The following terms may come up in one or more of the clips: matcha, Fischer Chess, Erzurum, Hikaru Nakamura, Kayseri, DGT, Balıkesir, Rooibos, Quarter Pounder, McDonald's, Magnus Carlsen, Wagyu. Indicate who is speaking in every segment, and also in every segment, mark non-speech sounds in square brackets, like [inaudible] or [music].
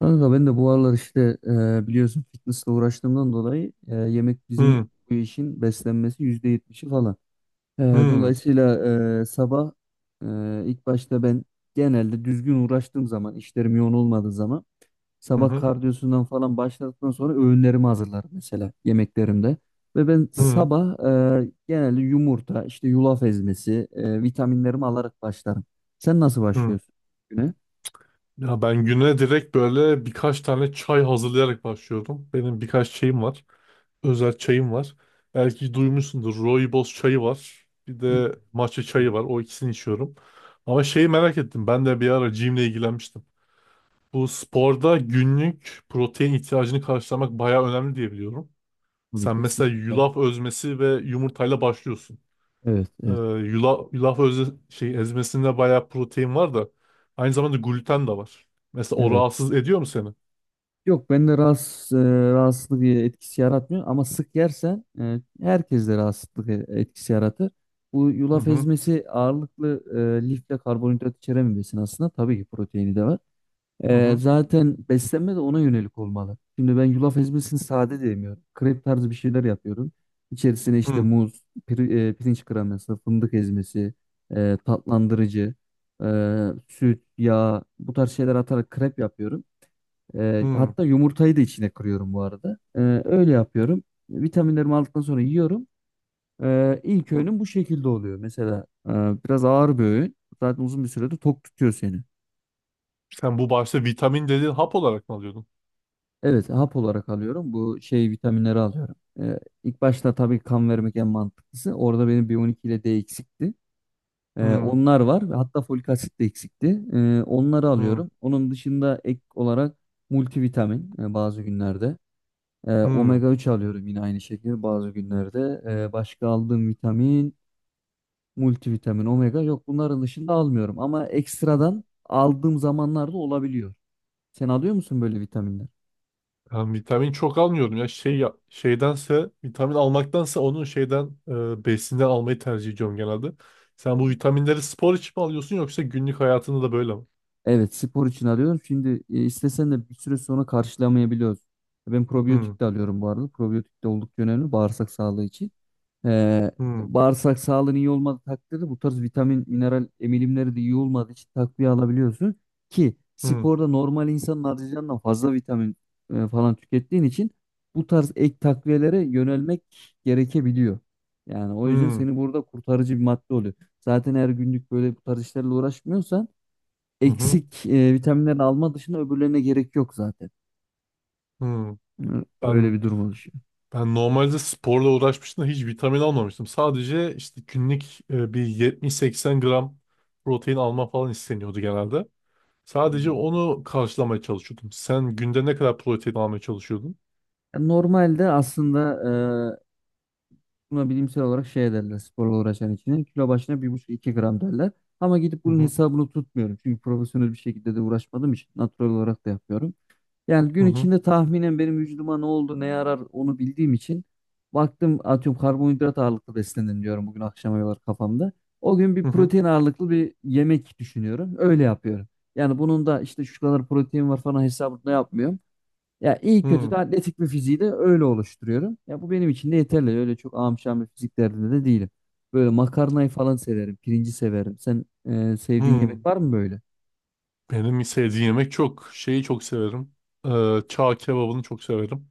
Speaker 1: Kanka ben de bu aralar işte biliyorsun fitnessle uğraştığımdan dolayı, yemek bizim
Speaker 2: Hı
Speaker 1: bu işin beslenmesi %70'i falan. E,
Speaker 2: hı
Speaker 1: Dolayısıyla sabah ilk başta ben genelde düzgün uğraştığım zaman, işlerim yoğun olmadığı zaman
Speaker 2: hı
Speaker 1: sabah
Speaker 2: hı
Speaker 1: kardiyosundan falan başladıktan sonra öğünlerimi hazırlarım, mesela yemeklerimde. Ve ben
Speaker 2: hı.
Speaker 1: sabah genelde yumurta, işte yulaf ezmesi, vitaminlerimi alarak başlarım. Sen nasıl
Speaker 2: Hı.
Speaker 1: başlıyorsun güne?
Speaker 2: Ya ben güne direkt böyle birkaç tane çay hazırlayarak başlıyorum. Benim birkaç şeyim var. Özel çayım var. Belki duymuşsundur. Rooibos çayı var. Bir
Speaker 1: Hı.
Speaker 2: de matcha çayı var. O ikisini içiyorum. Ama şeyi merak ettim. Ben de bir ara gym'le ilgilenmiştim. Bu sporda günlük protein ihtiyacını karşılamak bayağı önemli diye biliyorum.
Speaker 1: Tabii,
Speaker 2: Sen mesela
Speaker 1: kesinlikle.
Speaker 2: yulaf özmesi ve yumurtayla başlıyorsun.
Speaker 1: Evet, evet.
Speaker 2: Yulaf özü, ezmesinde bayağı protein var da aynı zamanda gluten de var. Mesela o
Speaker 1: Evet.
Speaker 2: rahatsız ediyor mu seni?
Speaker 1: Yok, bende rahatsız, rahatsızlık etkisi yaratmıyor ama sık yersen herkeste rahatsızlık etkisi yaratır. Bu
Speaker 2: Hı
Speaker 1: yulaf
Speaker 2: hı
Speaker 1: ezmesi ağırlıklı lif ve karbonhidrat içeren bir besin aslında. Tabii ki proteini de var.
Speaker 2: hı hı
Speaker 1: Zaten beslenme de ona yönelik olmalı. Şimdi ben yulaf ezmesini sade de yemiyorum. Krep tarzı bir şeyler yapıyorum. İçerisine işte
Speaker 2: hı
Speaker 1: muz, pirinç kreması, fındık ezmesi, tatlandırıcı, e, süt, yağ, bu tarz şeyler atarak krep yapıyorum.
Speaker 2: hı.
Speaker 1: Hatta yumurtayı da içine kırıyorum bu arada. Öyle yapıyorum. Vitaminlerimi aldıktan sonra yiyorum. İlk
Speaker 2: Hı.
Speaker 1: öğünüm bu şekilde oluyor. Mesela biraz ağır bir öğün. Zaten uzun bir sürede tok tutuyor seni.
Speaker 2: Sen bu başta vitamin dediğin hap olarak mı alıyordun?
Speaker 1: Evet, hap olarak alıyorum. Bu şey vitaminleri alıyorum. İlk başta tabii kan vermek en mantıklısı. Orada benim B12 ile D eksikti.
Speaker 2: Hı
Speaker 1: Onlar var ve hatta folik asit de eksikti. Onları
Speaker 2: hı
Speaker 1: alıyorum. Onun dışında ek olarak multivitamin bazı günlerde.
Speaker 2: hı.
Speaker 1: Omega 3 alıyorum yine aynı şekilde bazı günlerde. Başka aldığım vitamin, multivitamin, omega yok. Bunların dışında almıyorum ama ekstradan aldığım zamanlarda olabiliyor. Sen alıyor musun böyle vitaminler?
Speaker 2: Ben vitamin çok almıyorum ya şeydense vitamin almaktansa onun besinden almayı tercih ediyorum genelde. Sen bu vitaminleri spor için mi alıyorsun yoksa günlük hayatında da böyle mi?
Speaker 1: Evet, spor için alıyorum. Şimdi istesen de bir süre sonra karşılamayabiliyoruz. Ben
Speaker 2: Hı
Speaker 1: probiyotik de alıyorum bu arada. Probiyotik de oldukça önemli bağırsak sağlığı için. Ee,
Speaker 2: hı
Speaker 1: Bağırsak sağlığın iyi olmadığı takdirde bu tarz vitamin, mineral emilimleri de iyi olmadığı için takviye alabiliyorsun. Ki
Speaker 2: hı
Speaker 1: sporda normal insanın harcayacağından fazla vitamin falan tükettiğin için bu tarz ek takviyelere yönelmek gerekebiliyor. Yani o yüzden
Speaker 2: hı
Speaker 1: seni burada kurtarıcı bir madde oluyor. Zaten her günlük böyle bu tarz işlerle uğraşmıyorsan
Speaker 2: hı
Speaker 1: eksik vitaminlerini alma dışında öbürlerine gerek yok zaten.
Speaker 2: hı.
Speaker 1: Hı. Öyle
Speaker 2: Ben
Speaker 1: bir durum oluşuyor.
Speaker 2: Ben normalde sporla uğraşmıştım da hiç vitamin almamıştım. Sadece işte günlük bir 70-80 gram protein alma falan isteniyordu genelde. Sadece
Speaker 1: Hmm.
Speaker 2: onu karşılamaya çalışıyordum. Sen günde ne kadar protein almaya çalışıyordun?
Speaker 1: Normalde aslında e, buna bilimsel olarak şey derler, sporla uğraşan için. Kilo başına 1,5 2 gram derler. Ama gidip
Speaker 2: Hı
Speaker 1: bunun
Speaker 2: hı
Speaker 1: hesabını tutmuyorum. Çünkü profesyonel bir şekilde de uğraşmadığım için natural olarak da yapıyorum. Yani
Speaker 2: hı
Speaker 1: gün
Speaker 2: hı
Speaker 1: içinde tahminen benim vücuduma ne oldu, ne yarar onu bildiğim için baktım, atıyorum karbonhidrat ağırlıklı beslenin diyorum bugün akşama kadar kafamda. O gün bir
Speaker 2: hı
Speaker 1: protein ağırlıklı bir yemek düşünüyorum. Öyle yapıyorum. Yani bunun da işte şu kadar protein var falan hesabını da yapmıyorum. Ya iyi
Speaker 2: hı
Speaker 1: kötü de
Speaker 2: hı.
Speaker 1: atletik bir fiziği de öyle oluşturuyorum. Ya bu benim için de yeterli. Öyle çok amşan bir fizik derdinde de değilim. Böyle makarnayı falan severim. Pirinci severim. Sen sevdiğin
Speaker 2: Hı.
Speaker 1: yemek var mı böyle?
Speaker 2: Benim sevdiğim yemek çok. Şeyi çok severim. Çağ kebabını çok severim.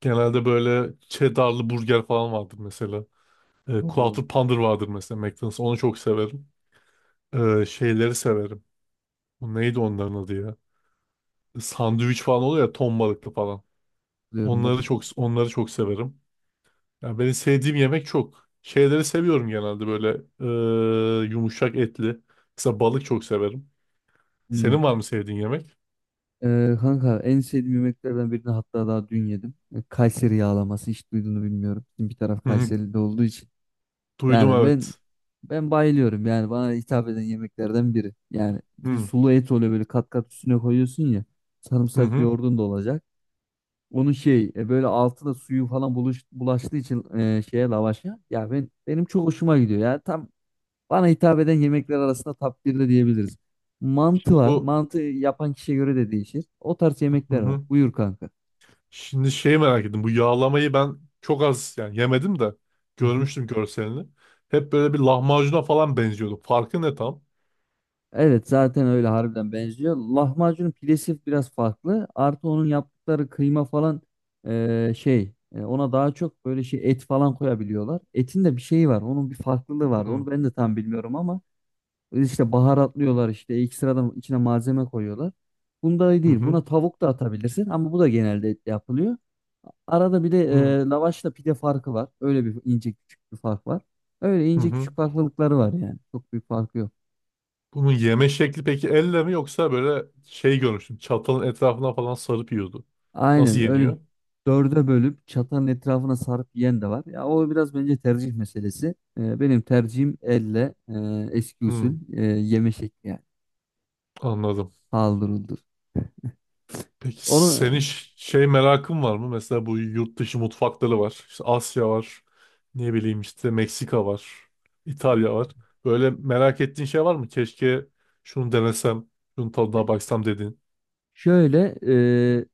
Speaker 2: Genelde böyle cheddarlı burger falan vardır mesela.
Speaker 1: Oo.
Speaker 2: Quarter Pounder vardır mesela McDonald's. Onu çok severim. Şeyleri severim. Bu neydi onların adı ya? Sandviç falan oluyor ya ton balıklı falan.
Speaker 1: Diyorum
Speaker 2: Onları
Speaker 1: ben.
Speaker 2: çok onları çok severim. Yani benim sevdiğim yemek çok. Şeyleri seviyorum genelde böyle yumuşak etli. Mesela balık çok severim. Senin
Speaker 1: Hmm.
Speaker 2: var mı sevdiğin yemek?
Speaker 1: Kanka en sevdiğim yemeklerden birini hatta daha dün yedim. Kayseri yağlaması, hiç duyduğunu bilmiyorum. Bizim bir taraf
Speaker 2: Hı hı,
Speaker 1: Kayseri'de olduğu için.
Speaker 2: duydum
Speaker 1: Yani ben
Speaker 2: evet.
Speaker 1: ben bayılıyorum. Yani bana hitap eden yemeklerden biri. Yani bir de
Speaker 2: Hı
Speaker 1: sulu et oluyor, böyle kat kat üstüne koyuyorsun ya.
Speaker 2: hı.
Speaker 1: Sarımsaklı
Speaker 2: Hı.
Speaker 1: yoğurdun da olacak. Onun şey böyle altı da suyu falan bulaştığı için şeye, lavaşa. Ya ben, benim çok hoşuma gidiyor. Ya tam bana hitap eden yemekler arasında top 1'de diyebiliriz. Mantı
Speaker 2: Şimdi
Speaker 1: var.
Speaker 2: bu
Speaker 1: Mantı yapan kişiye göre de değişir. O tarz
Speaker 2: hı
Speaker 1: yemekler var.
Speaker 2: hı.
Speaker 1: Buyur kanka.
Speaker 2: Şimdi şey merak ettim. Bu yağlamayı ben çok az yani yemedim de
Speaker 1: Hı hı.
Speaker 2: görmüştüm görselini. Hep böyle bir lahmacuna falan benziyordu. Farkı ne tam?
Speaker 1: Evet, zaten öyle harbiden benziyor. Lahmacunun pidesi biraz farklı. Artı onun yaptıkları kıyma falan, ona daha çok böyle şey et falan koyabiliyorlar. Etin de bir şeyi var. Onun bir farklılığı vardı.
Speaker 2: Hı hı.
Speaker 1: Onu ben de tam bilmiyorum ama İşte baharatlıyorlar, işte ekstradan içine malzeme koyuyorlar. Bunda değil. Buna tavuk da atabilirsin ama bu da genelde etle yapılıyor. Arada bir de
Speaker 2: Hı hı.
Speaker 1: lavaşla pide farkı var. Öyle bir ince küçük bir fark var. Öyle ince
Speaker 2: Hı.
Speaker 1: küçük farklılıkları var yani. Çok büyük farkı yok.
Speaker 2: Bunun yeme şekli peki elle mi yoksa böyle şey görmüştüm. Çatalın etrafına falan sarıp yiyordu. Nasıl
Speaker 1: Aynen öyle,
Speaker 2: yeniyor?
Speaker 1: dörde bölüp çatanın etrafına sarıp yiyen de var. Ya o biraz bence tercih meselesi. Benim tercihim elle, eski usul
Speaker 2: Hmm,
Speaker 1: yeme şekli yani.
Speaker 2: anladım.
Speaker 1: Paldır uldur.
Speaker 2: Peki senin
Speaker 1: Onu
Speaker 2: şey merakın var mı? Mesela bu yurt dışı mutfakları var. İşte Asya var. Ne bileyim işte Meksika var. İtalya var. Böyle merak ettiğin şey var mı? Keşke şunu denesem, şunun tadına baksam dediğin.
Speaker 1: şöyle, e,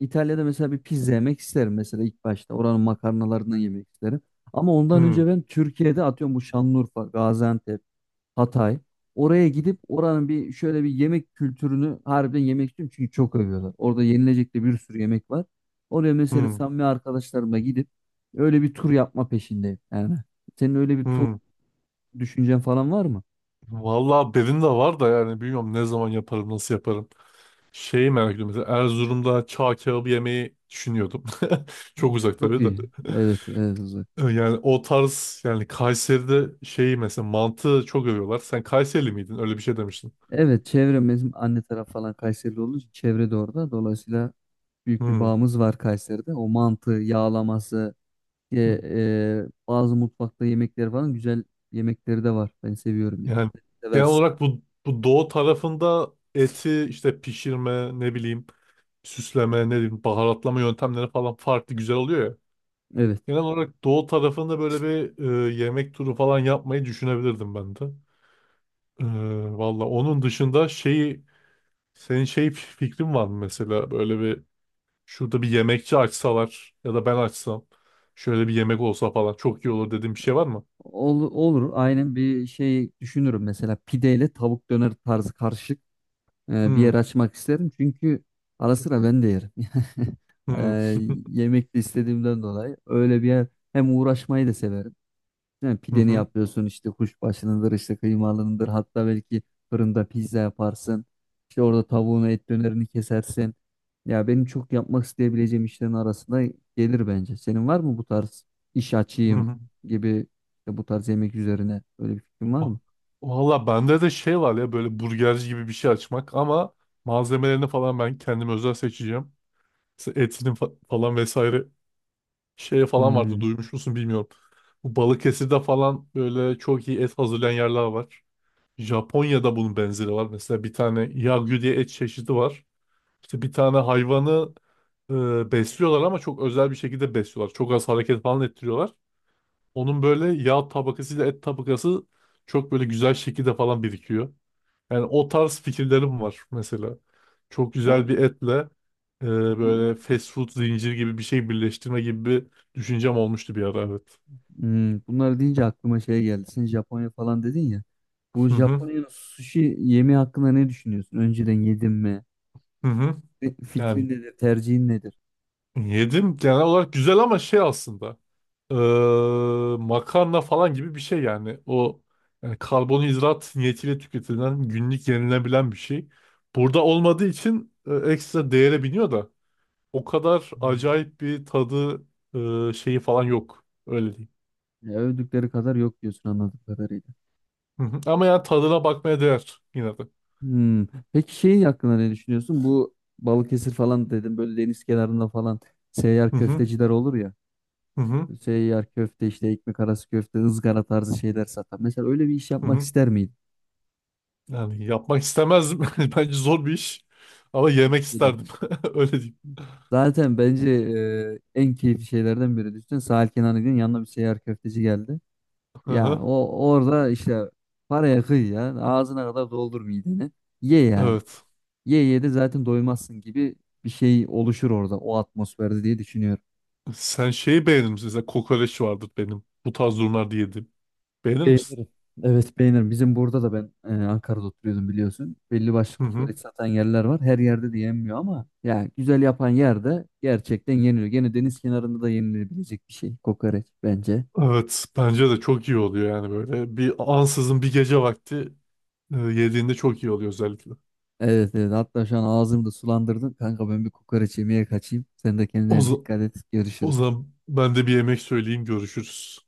Speaker 1: İtalya'da mesela bir pizza yemek isterim mesela ilk başta. Oranın makarnalarından yemek isterim. Ama ondan önce
Speaker 2: Hmm,
Speaker 1: ben Türkiye'de, atıyorum, bu Şanlıurfa, Gaziantep, Hatay. Oraya gidip oranın bir şöyle bir yemek kültürünü harbiden yemek istiyorum. Çünkü çok övüyorlar. Orada yenilecek de bir sürü yemek var. Oraya mesela
Speaker 2: hmm,
Speaker 1: samimi arkadaşlarımla gidip öyle bir tur yapma peşindeyim. Yani senin öyle bir tur
Speaker 2: hmm.
Speaker 1: düşüncen falan var mı?
Speaker 2: Vallahi benim de var da yani bilmiyorum ne zaman yaparım, nasıl yaparım. Şeyi merak ediyorum. Mesela Erzurum'da çağ kebabı yemeyi düşünüyordum. [laughs] Çok
Speaker 1: Mesela
Speaker 2: uzak
Speaker 1: çok
Speaker 2: tabii de.
Speaker 1: iyi.
Speaker 2: [laughs]
Speaker 1: Evet, evet.
Speaker 2: Yani o tarz yani Kayseri'de şeyi mesela mantı çok övüyorlar. Sen Kayserili miydin? Öyle bir şey demiştin.
Speaker 1: Evet, çevrem, bizim anne taraf falan Kayserili olduğu için çevre de orada. Dolayısıyla büyük bir
Speaker 2: Hmm.
Speaker 1: bağımız var Kayseri'de. O mantı, yağlaması,
Speaker 2: Hmm.
Speaker 1: bazı mutfakta yemekleri falan güzel yemekleri de var. Ben seviyorum yani.
Speaker 2: Yani genel
Speaker 1: Seversin.
Speaker 2: olarak bu doğu tarafında eti işte pişirme ne bileyim süsleme ne bileyim baharatlama yöntemleri falan farklı güzel oluyor ya.
Speaker 1: Evet.
Speaker 2: Genel olarak doğu tarafında böyle bir yemek turu falan yapmayı düşünebilirdim ben de. E, valla onun dışında şeyi. Senin şey fikrin var mı mesela böyle bir şurada bir yemekçi açsalar ya da ben açsam şöyle bir yemek olsa falan çok iyi olur dediğin bir şey var mı?
Speaker 1: Olur. Aynen bir şey düşünürüm. Mesela pideyle tavuk döner tarzı karışık bir yer
Speaker 2: Hmm.
Speaker 1: açmak isterim. Çünkü ara sıra ben de yerim. [laughs] E,
Speaker 2: Hmm. [laughs]
Speaker 1: Yemek de istediğimden dolayı öyle bir yer, hem uğraşmayı da severim. Yani
Speaker 2: Hı
Speaker 1: pideni
Speaker 2: hı.
Speaker 1: yapıyorsun, işte kuşbaşınıdır, işte kıymalındır, hatta belki fırında pizza yaparsın. İşte orada tavuğunu, et dönerini kesersin. Ya benim çok yapmak isteyebileceğim işlerin arasında gelir bence. Senin var mı bu tarz iş
Speaker 2: Hı
Speaker 1: açayım
Speaker 2: hı.
Speaker 1: gibi, işte bu tarz yemek üzerine öyle bir fikrin var
Speaker 2: Va-
Speaker 1: mı?
Speaker 2: Valla bende de şey var ya böyle burgerci gibi bir şey açmak ama malzemelerini falan ben kendim özel seçeceğim. Mesela etinin falan vesaire şeye falan vardı
Speaker 1: Hmm.
Speaker 2: duymuş musun bilmiyorum. Bu Balıkesir'de falan böyle çok iyi et hazırlayan yerler var. Japonya'da bunun benzeri var. Mesela bir tane Wagyu diye et çeşidi var. İşte bir tane hayvanı besliyorlar ama çok özel bir şekilde besliyorlar. Çok az hareket falan ettiriyorlar. Onun böyle yağ tabakasıyla et tabakası çok böyle güzel şekilde falan birikiyor. Yani o tarz fikirlerim var mesela. Çok güzel
Speaker 1: Tamam.
Speaker 2: bir etle e,
Speaker 1: Bu- bu-
Speaker 2: böyle fast food zincir gibi bir şey birleştirme gibi bir düşüncem olmuştu bir ara evet.
Speaker 1: Hmm. Bunları deyince aklıma şey geldi. Sen Japonya falan dedin ya. Bu
Speaker 2: Hı hı,
Speaker 1: Japonya'nın sushi yemeği hakkında ne düşünüyorsun? Önceden yedin mi?
Speaker 2: hı hı.
Speaker 1: Fikrin
Speaker 2: Yani
Speaker 1: nedir? Tercihin nedir?
Speaker 2: yedim genel olarak güzel ama şey aslında eee, makarna falan gibi bir şey yani o yani karbonhidrat niyetiyle tüketilen günlük yenilebilen bir şey. Burada olmadığı için ekstra değere biniyor da o kadar
Speaker 1: Hmm.
Speaker 2: acayip bir tadı şeyi falan yok öyle diyeyim.
Speaker 1: Ya övdükleri kadar yok diyorsun anladığım kadarıyla.
Speaker 2: Hı hı. Ama yani tadına bakmaya değer yine de.
Speaker 1: Hmm. Peki şey hakkında ne düşünüyorsun? Bu Balıkesir falan dedim, böyle deniz kenarında falan seyyar
Speaker 2: Hı hı,
Speaker 1: köfteciler olur ya.
Speaker 2: hı hı,
Speaker 1: Seyyar köfte, işte ekmek arası köfte, ızgara tarzı şeyler satan. Mesela öyle bir iş
Speaker 2: hı
Speaker 1: yapmak
Speaker 2: hı.
Speaker 1: ister miydin?
Speaker 2: Yani yapmak istemezdim [laughs] bence zor bir iş ama yemek
Speaker 1: Bence de.
Speaker 2: isterdim [laughs] öyle diyeyim.
Speaker 1: Zaten bence en keyifli şeylerden biri. Düşünsene sahil kenarına gidiyorsun, yanına bir seyyar köfteci geldi.
Speaker 2: Hı
Speaker 1: Ya
Speaker 2: hı.
Speaker 1: o orada işte paraya kıy ya, ağzına kadar doldur mideni. Ye yani.
Speaker 2: Evet.
Speaker 1: Ye ye de zaten doymazsın gibi bir şey oluşur orada, o atmosferde diye düşünüyorum.
Speaker 2: Sen şeyi beğenir misin? Mesela kokoreç vardır benim. Bu tarz durumlarda yedim. Beğenir misin?
Speaker 1: Beğenirim. Evet, beğenirim. Bizim burada da ben Ankara'da oturuyordum biliyorsun. Belli başlı
Speaker 2: Hı hı.
Speaker 1: kokoreç satan yerler var. Her yerde de yenmiyor ama ya güzel yapan yerde gerçekten yeniliyor. Gene deniz kenarında da yenilebilecek bir şey kokoreç bence.
Speaker 2: Evet, bence de çok iyi oluyor yani böyle. Bir ansızın bir gece vakti yediğinde çok iyi oluyor özellikle.
Speaker 1: Evet, evet, hatta şu an ağzımı da sulandırdın. Kanka ben bir kokoreç yemeye kaçayım. Sen de
Speaker 2: O,
Speaker 1: kendine
Speaker 2: za-
Speaker 1: dikkat et.
Speaker 2: o
Speaker 1: Görüşürüz.
Speaker 2: zaman ben de bir yemek söyleyeyim, görüşürüz.